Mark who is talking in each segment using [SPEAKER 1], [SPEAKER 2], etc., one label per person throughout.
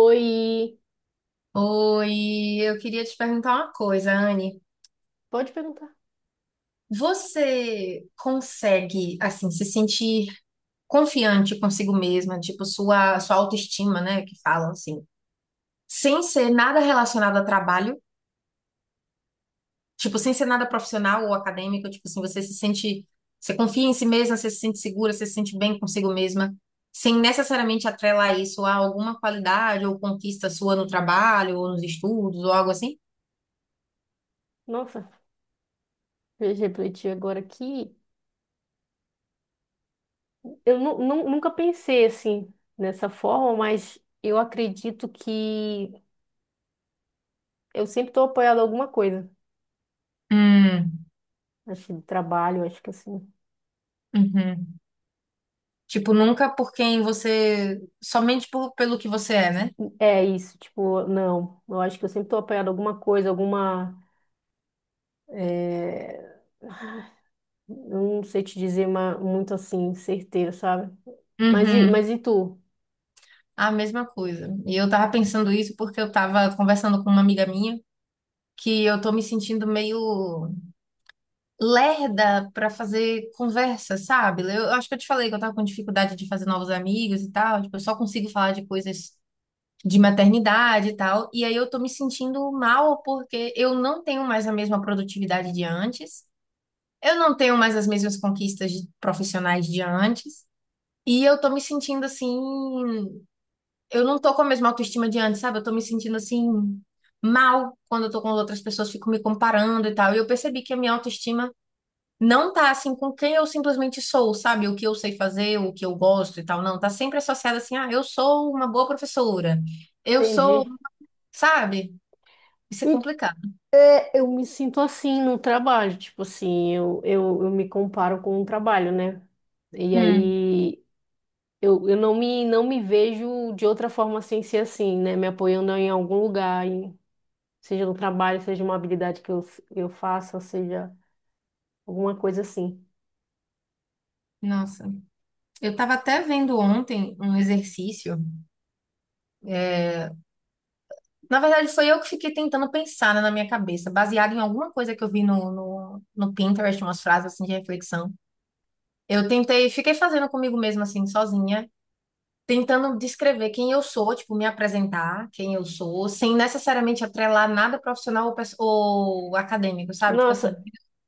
[SPEAKER 1] Oi,
[SPEAKER 2] Oi, eu queria te perguntar uma coisa, Anne.
[SPEAKER 1] pode perguntar.
[SPEAKER 2] Você consegue, assim, se sentir confiante consigo mesma, tipo, sua autoestima, né, que falam assim, sem ser nada relacionado a trabalho, tipo, sem ser nada profissional ou acadêmico, tipo assim, você se sente, você confia em si mesma, você se sente segura, você se sente bem consigo mesma, sem necessariamente atrelar isso a alguma qualidade ou conquista sua no trabalho ou nos estudos ou algo assim?
[SPEAKER 1] Nossa, veja, refleti agora aqui. Eu nunca pensei assim, nessa forma, mas eu acredito que eu sempre estou apoiada a alguma coisa.
[SPEAKER 2] Hum,
[SPEAKER 1] Acho que trabalho, acho que assim.
[SPEAKER 2] uhum. Tipo, nunca por quem você. Somente por, pelo que você é, né?
[SPEAKER 1] É isso, tipo, não. Eu acho que eu sempre estou apoiada a alguma coisa, alguma. é, Não sei te dizer muito assim, certeiro, sabe? Mas e,
[SPEAKER 2] Uhum.
[SPEAKER 1] mas e tu?
[SPEAKER 2] A mesma coisa. E eu tava pensando isso porque eu tava conversando com uma amiga minha que eu tô me sentindo meio lerda pra fazer conversa, sabe? Eu acho que eu te falei que eu tava com dificuldade de fazer novos amigos e tal. Tipo, eu só consigo falar de coisas de maternidade e tal. E aí eu tô me sentindo mal porque eu não tenho mais a mesma produtividade de antes. Eu não tenho mais as mesmas conquistas de- profissionais de antes. E eu tô me sentindo assim. Eu não tô com a mesma autoestima de antes, sabe? Eu tô me sentindo assim, mal quando eu tô com outras pessoas, fico me comparando e tal. E eu percebi que a minha autoestima não tá assim com quem eu simplesmente sou, sabe? O que eu sei fazer, o que eu gosto e tal. Não, tá sempre associada assim, ah, eu sou uma boa professora. Eu sou,
[SPEAKER 1] Entendi.
[SPEAKER 2] sabe? Isso é complicado.
[SPEAKER 1] É, eu me sinto assim no trabalho, tipo assim, eu me comparo com o trabalho, né? E
[SPEAKER 2] Hum,
[SPEAKER 1] aí eu não me vejo de outra forma sem ser assim, né? Me apoiando em algum lugar, seja no trabalho, seja uma habilidade que eu faça, seja alguma coisa assim.
[SPEAKER 2] nossa. Eu tava até vendo ontem um exercício. Na verdade, foi eu que fiquei tentando pensar, né, na minha cabeça, baseado em alguma coisa que eu vi no Pinterest, umas frases assim de reflexão. Eu tentei, fiquei fazendo comigo mesma, assim, sozinha, tentando descrever quem eu sou, tipo, me apresentar, quem eu sou, sem necessariamente atrelar nada profissional ou, pes- ou acadêmico, sabe? Tipo
[SPEAKER 1] Nossa,
[SPEAKER 2] assim,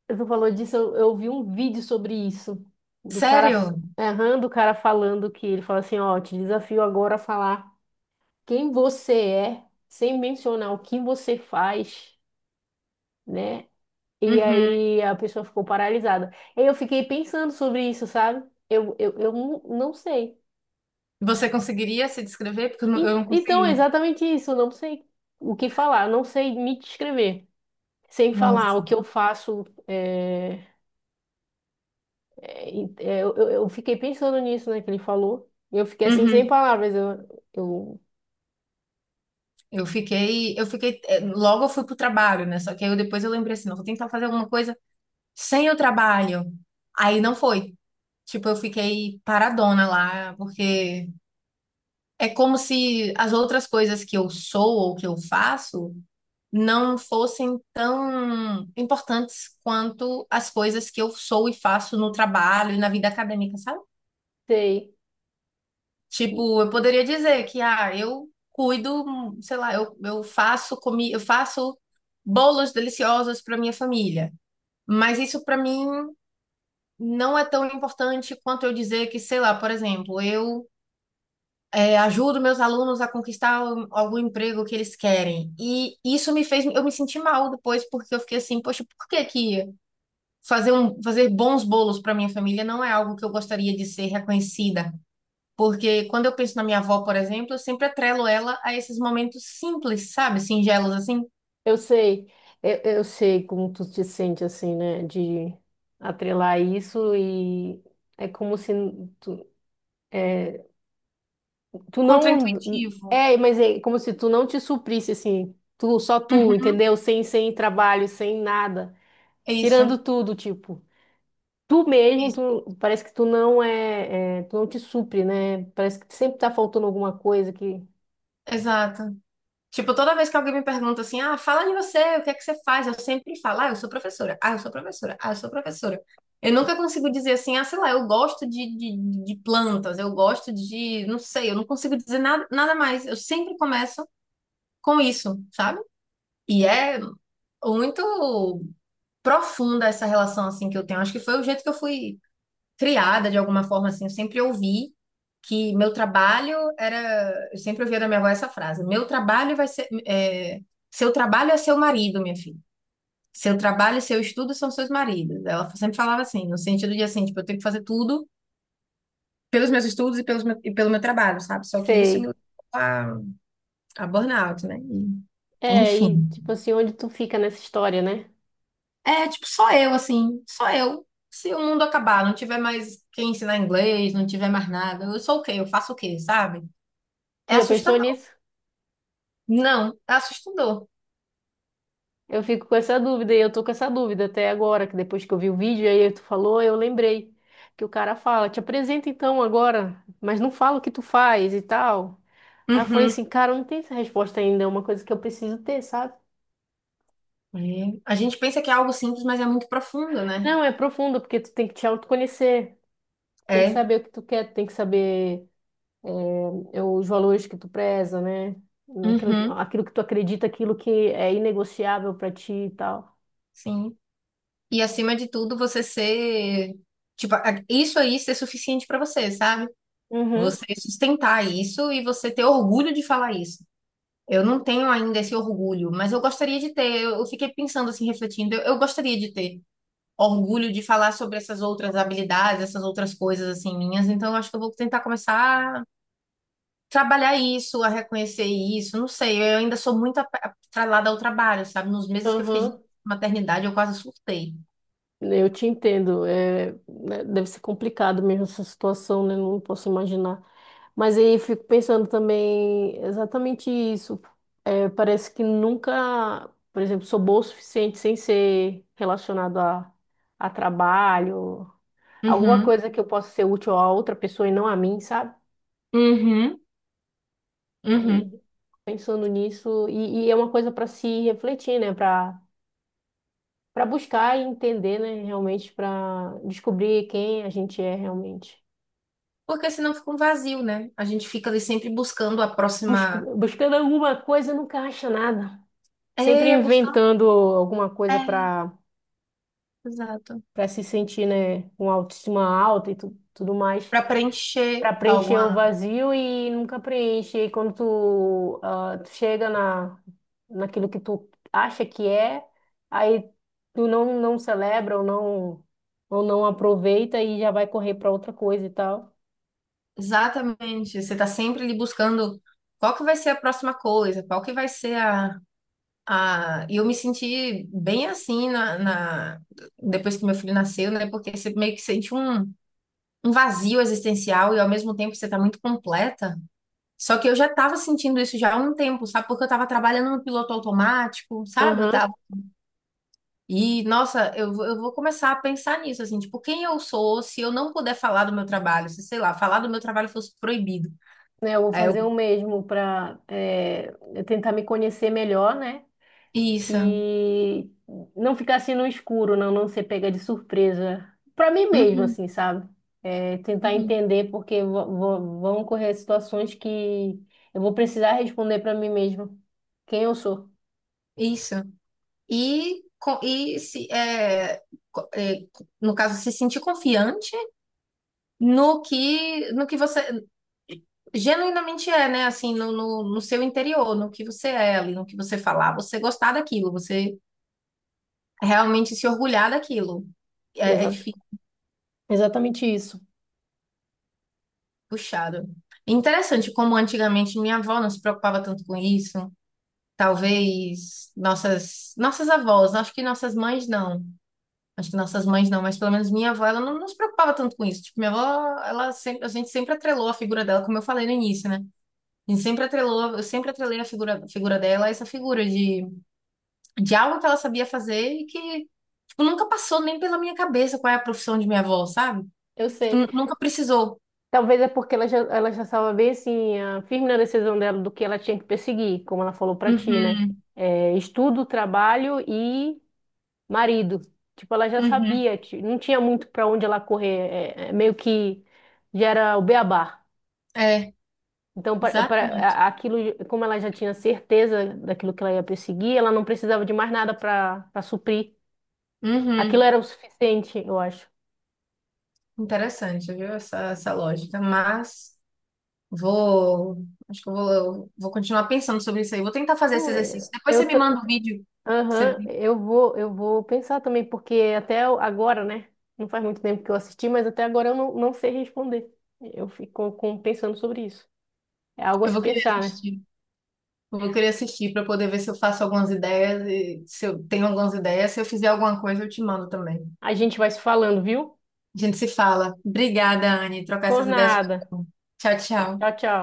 [SPEAKER 1] tu falou disso, eu vi um vídeo sobre isso, do cara,
[SPEAKER 2] sério?
[SPEAKER 1] errando, o cara falando que ele fala assim, ó, te desafio agora a falar quem você é, sem mencionar o que você faz, né? E
[SPEAKER 2] Uhum.
[SPEAKER 1] aí a pessoa ficou paralisada. Aí eu fiquei pensando sobre isso, sabe? Eu não sei.
[SPEAKER 2] Você conseguiria se descrever? Porque eu
[SPEAKER 1] E
[SPEAKER 2] não
[SPEAKER 1] então, é
[SPEAKER 2] consegui.
[SPEAKER 1] exatamente isso, eu não sei o que falar, eu não sei me descrever. Sem falar
[SPEAKER 2] Nossa.
[SPEAKER 1] o que eu faço, eu fiquei pensando nisso, né, que ele falou. E eu fiquei assim, sem
[SPEAKER 2] Uhum.
[SPEAKER 1] palavras,
[SPEAKER 2] Logo eu fui pro trabalho, né? Só que aí eu, depois eu lembrei assim, não, vou tentar fazer alguma coisa sem o trabalho. Aí não foi. Tipo, eu fiquei paradona lá, porque é como se as outras coisas que eu sou ou que eu faço não fossem tão importantes quanto as coisas que eu sou e faço no trabalho e na vida acadêmica, sabe?
[SPEAKER 1] sei,
[SPEAKER 2] Tipo, eu poderia dizer que, ah, eu cuido, sei lá, eu faço comi, eu faço bolos deliciosos para minha família. Mas isso para mim não é tão importante quanto eu dizer que, sei lá, por exemplo, eu é, ajudo meus alunos a conquistar o- algum emprego que eles querem. E isso me fez, eu me senti mal depois, porque eu fiquei assim, poxa, por que que fazer um, fazer bons bolos para minha família não é algo que eu gostaria de ser reconhecida? Porque quando eu penso na minha avó, por exemplo, eu sempre atrelo ela a esses momentos simples, sabe? Singelos, assim,
[SPEAKER 1] eu sei, eu sei como tu te sente, assim, né, de atrelar isso e é como se tu tu não
[SPEAKER 2] contraintuitivo.
[SPEAKER 1] é, mas é como se tu não te suprisse assim, tu só tu,
[SPEAKER 2] Uhum.
[SPEAKER 1] entendeu? Sem trabalho, sem nada, tirando
[SPEAKER 2] Isso,
[SPEAKER 1] tudo, tipo, tu mesmo,
[SPEAKER 2] isso,
[SPEAKER 1] tu parece que tu não te supre, né? Parece que sempre tá faltando alguma coisa que
[SPEAKER 2] exato. Tipo, toda vez que alguém me pergunta assim, ah, fala de você, o que é que você faz? Eu sempre falo, ah, eu sou professora, ah, eu sou professora, ah, eu sou professora. Eu nunca consigo dizer assim, ah, sei lá, eu gosto de plantas, eu gosto de, não sei, eu não consigo dizer nada, nada mais. Eu sempre começo com isso, sabe? E é muito profunda essa relação, assim, que eu tenho. Acho que foi o jeito que eu fui criada de alguma forma assim, eu sempre ouvi que meu trabalho era, eu sempre ouvia da minha avó essa frase, meu trabalho vai ser, é, seu trabalho é seu marido, minha filha. Seu trabalho e seu estudo são seus maridos. Ela sempre falava assim, no sentido de assim, tipo, eu tenho que fazer tudo pelos meus estudos e, pelos meu- e pelo meu trabalho, sabe? Só que isso me
[SPEAKER 1] sei.
[SPEAKER 2] levou a, a burnout, né? E,
[SPEAKER 1] É,
[SPEAKER 2] enfim.
[SPEAKER 1] e tipo assim, onde tu fica nessa história, né?
[SPEAKER 2] É, tipo, só eu, assim, só eu. Se o mundo acabar, não tiver mais quem ensinar inglês, não tiver mais nada, eu sou o quê? Eu faço o quê, sabe?
[SPEAKER 1] Tu
[SPEAKER 2] É
[SPEAKER 1] já pensou
[SPEAKER 2] assustador.
[SPEAKER 1] nisso?
[SPEAKER 2] Não, é assustador.
[SPEAKER 1] Eu fico com essa dúvida e eu tô com essa dúvida até agora, que depois que eu vi o vídeo aí tu falou, eu lembrei que o cara fala, te apresenta então agora, mas não fala o que tu faz e tal. Aí eu falei
[SPEAKER 2] Uhum.
[SPEAKER 1] assim, cara, eu não tem essa resposta ainda, é uma coisa que eu preciso ter, sabe?
[SPEAKER 2] É. A gente pensa que é algo simples, mas é muito profundo, né?
[SPEAKER 1] Não, é profunda, porque tu tem que te autoconhecer, tem que
[SPEAKER 2] É.
[SPEAKER 1] saber o que tu quer, tem que saber eh, os valores que tu preza, né?
[SPEAKER 2] Uhum.
[SPEAKER 1] Aquilo que tu acredita, aquilo que é inegociável pra ti e tal.
[SPEAKER 2] Sim. E acima de tudo, você ser, tipo, a- isso aí ser suficiente pra você, sabe?
[SPEAKER 1] Uhum,
[SPEAKER 2] Você sustentar isso e você ter orgulho de falar isso. Eu não tenho ainda esse orgulho, mas eu gostaria de ter. Eu fiquei pensando assim, refletindo, eu gostaria de ter orgulho de falar sobre essas outras habilidades, essas outras coisas assim minhas. Então, eu acho que eu vou tentar começar trabalhar isso, a reconhecer isso, não sei, eu ainda sou muito ap- atrelada ao trabalho, sabe? Nos meses que eu fiquei de
[SPEAKER 1] aham.
[SPEAKER 2] maternidade, eu quase surtei.
[SPEAKER 1] Eu te entendo, é, né, deve ser complicado mesmo essa situação, né? Não posso imaginar. Mas aí eu fico pensando também exatamente isso. É, parece que nunca, por exemplo, sou boa o suficiente sem ser relacionado a trabalho, alguma
[SPEAKER 2] Uhum,
[SPEAKER 1] coisa que eu possa ser útil a outra pessoa e não a mim, sabe?
[SPEAKER 2] uhum, uhum.
[SPEAKER 1] Aí pensando nisso, e é uma coisa para se refletir, né? Para buscar e entender, né? Realmente, para descobrir quem a gente é realmente.
[SPEAKER 2] Porque senão fica um vazio, né? A gente fica ali sempre buscando a próxima.
[SPEAKER 1] Buscando alguma coisa, nunca acha nada. Sempre
[SPEAKER 2] É, buscando.
[SPEAKER 1] inventando alguma coisa
[SPEAKER 2] É, exato.
[SPEAKER 1] para se sentir, né, com autoestima alta e tudo mais,
[SPEAKER 2] Para preencher
[SPEAKER 1] para preencher o
[SPEAKER 2] alguma.
[SPEAKER 1] vazio e nunca preenche. E aí quando tu, ah, tu chega na naquilo que tu acha que é, aí tu não celebra ou não aproveita e já vai correr para outra coisa e tal.
[SPEAKER 2] Exatamente. Você tá sempre ali buscando qual que vai ser a próxima coisa, qual que vai ser a Ah, e eu me senti bem assim depois que meu filho nasceu, né? Porque você meio que sente um, um vazio existencial e ao mesmo tempo você tá muito completa. Só que eu já tava sentindo isso já há um tempo, sabe? Porque eu tava trabalhando no piloto automático, sabe? Eu
[SPEAKER 1] Aham.
[SPEAKER 2] tava... E, nossa, eu vou começar a pensar nisso, assim, tipo, quem eu sou se eu não puder falar do meu trabalho? Se, sei lá, falar do meu trabalho fosse proibido.
[SPEAKER 1] Né, eu vou
[SPEAKER 2] Aí eu...
[SPEAKER 1] fazer o mesmo para tentar me conhecer melhor, né?
[SPEAKER 2] Isso.
[SPEAKER 1] E não ficar assim no escuro, não ser pega de surpresa. Pra mim mesmo,
[SPEAKER 2] Uhum,
[SPEAKER 1] assim, sabe? É, tentar
[SPEAKER 2] uhum.
[SPEAKER 1] entender, porque vão ocorrer situações que eu vou precisar responder pra mim mesmo quem eu sou.
[SPEAKER 2] Isso. e, co- e se, é, co- é, No caso, se sentir confiante no que você genuinamente é, né? Assim, no seu interior, no que você é ali, no que você falar, você gostar daquilo, você realmente se orgulhar daquilo. É, é
[SPEAKER 1] Exa-
[SPEAKER 2] difícil,
[SPEAKER 1] Exatamente isso.
[SPEAKER 2] puxado. É interessante como antigamente minha avó não se preocupava tanto com isso. Talvez nossas avós, acho que nossas mães não. Acho que nossas mães não, mas pelo menos minha avó, ela não, não se preocupava tanto com isso. Tipo, minha avó, ela sempre, a gente sempre atrelou a figura dela, como eu falei no início, né? A gente sempre atrelou, eu sempre atrelei a figura dela a essa figura de algo que ela sabia fazer e que, tipo, nunca passou nem pela minha cabeça qual é a profissão de minha avó, sabe?
[SPEAKER 1] Eu
[SPEAKER 2] Tipo,
[SPEAKER 1] sei.
[SPEAKER 2] nu- nunca precisou.
[SPEAKER 1] Talvez é porque ela já estava bem assim, ah, firme na decisão dela do que ela tinha que perseguir, como ela falou pra ti, né?
[SPEAKER 2] Uhum,
[SPEAKER 1] É, estudo, trabalho e marido. Tipo, ela já
[SPEAKER 2] uhum.
[SPEAKER 1] sabia, não tinha muito para onde ela correr, é meio que já era o beabá.
[SPEAKER 2] É,
[SPEAKER 1] Então,
[SPEAKER 2] exatamente.
[SPEAKER 1] para aquilo, como ela já tinha certeza daquilo que ela ia perseguir, ela não precisava de mais nada para suprir. Aquilo
[SPEAKER 2] Uhum.
[SPEAKER 1] era o suficiente, eu acho.
[SPEAKER 2] Interessante, viu? Essa lógica. Mas. Vou, acho que eu vou continuar pensando sobre isso aí. Vou tentar fazer esse
[SPEAKER 1] Não,
[SPEAKER 2] exercício. Depois você me manda o vídeo que você
[SPEAKER 1] aham,
[SPEAKER 2] viu.
[SPEAKER 1] eu vou pensar também, porque agora, né? Não faz muito tempo que eu assisti, mas até agora eu não, não sei responder. Eu fico pensando sobre isso. É algo a
[SPEAKER 2] Eu
[SPEAKER 1] se
[SPEAKER 2] vou querer
[SPEAKER 1] pensar, né?
[SPEAKER 2] assistir. Eu vou querer assistir para poder ver se eu faço algumas ideias e se eu tenho algumas ideias. Se eu fizer alguma coisa, eu te mando também.
[SPEAKER 1] A gente vai se falando, viu?
[SPEAKER 2] A gente se fala. Obrigada, Anne. Trocar
[SPEAKER 1] Por
[SPEAKER 2] essas ideias
[SPEAKER 1] nada.
[SPEAKER 2] foi bom. Tchau,
[SPEAKER 1] Tchau,
[SPEAKER 2] tchau.
[SPEAKER 1] tchau.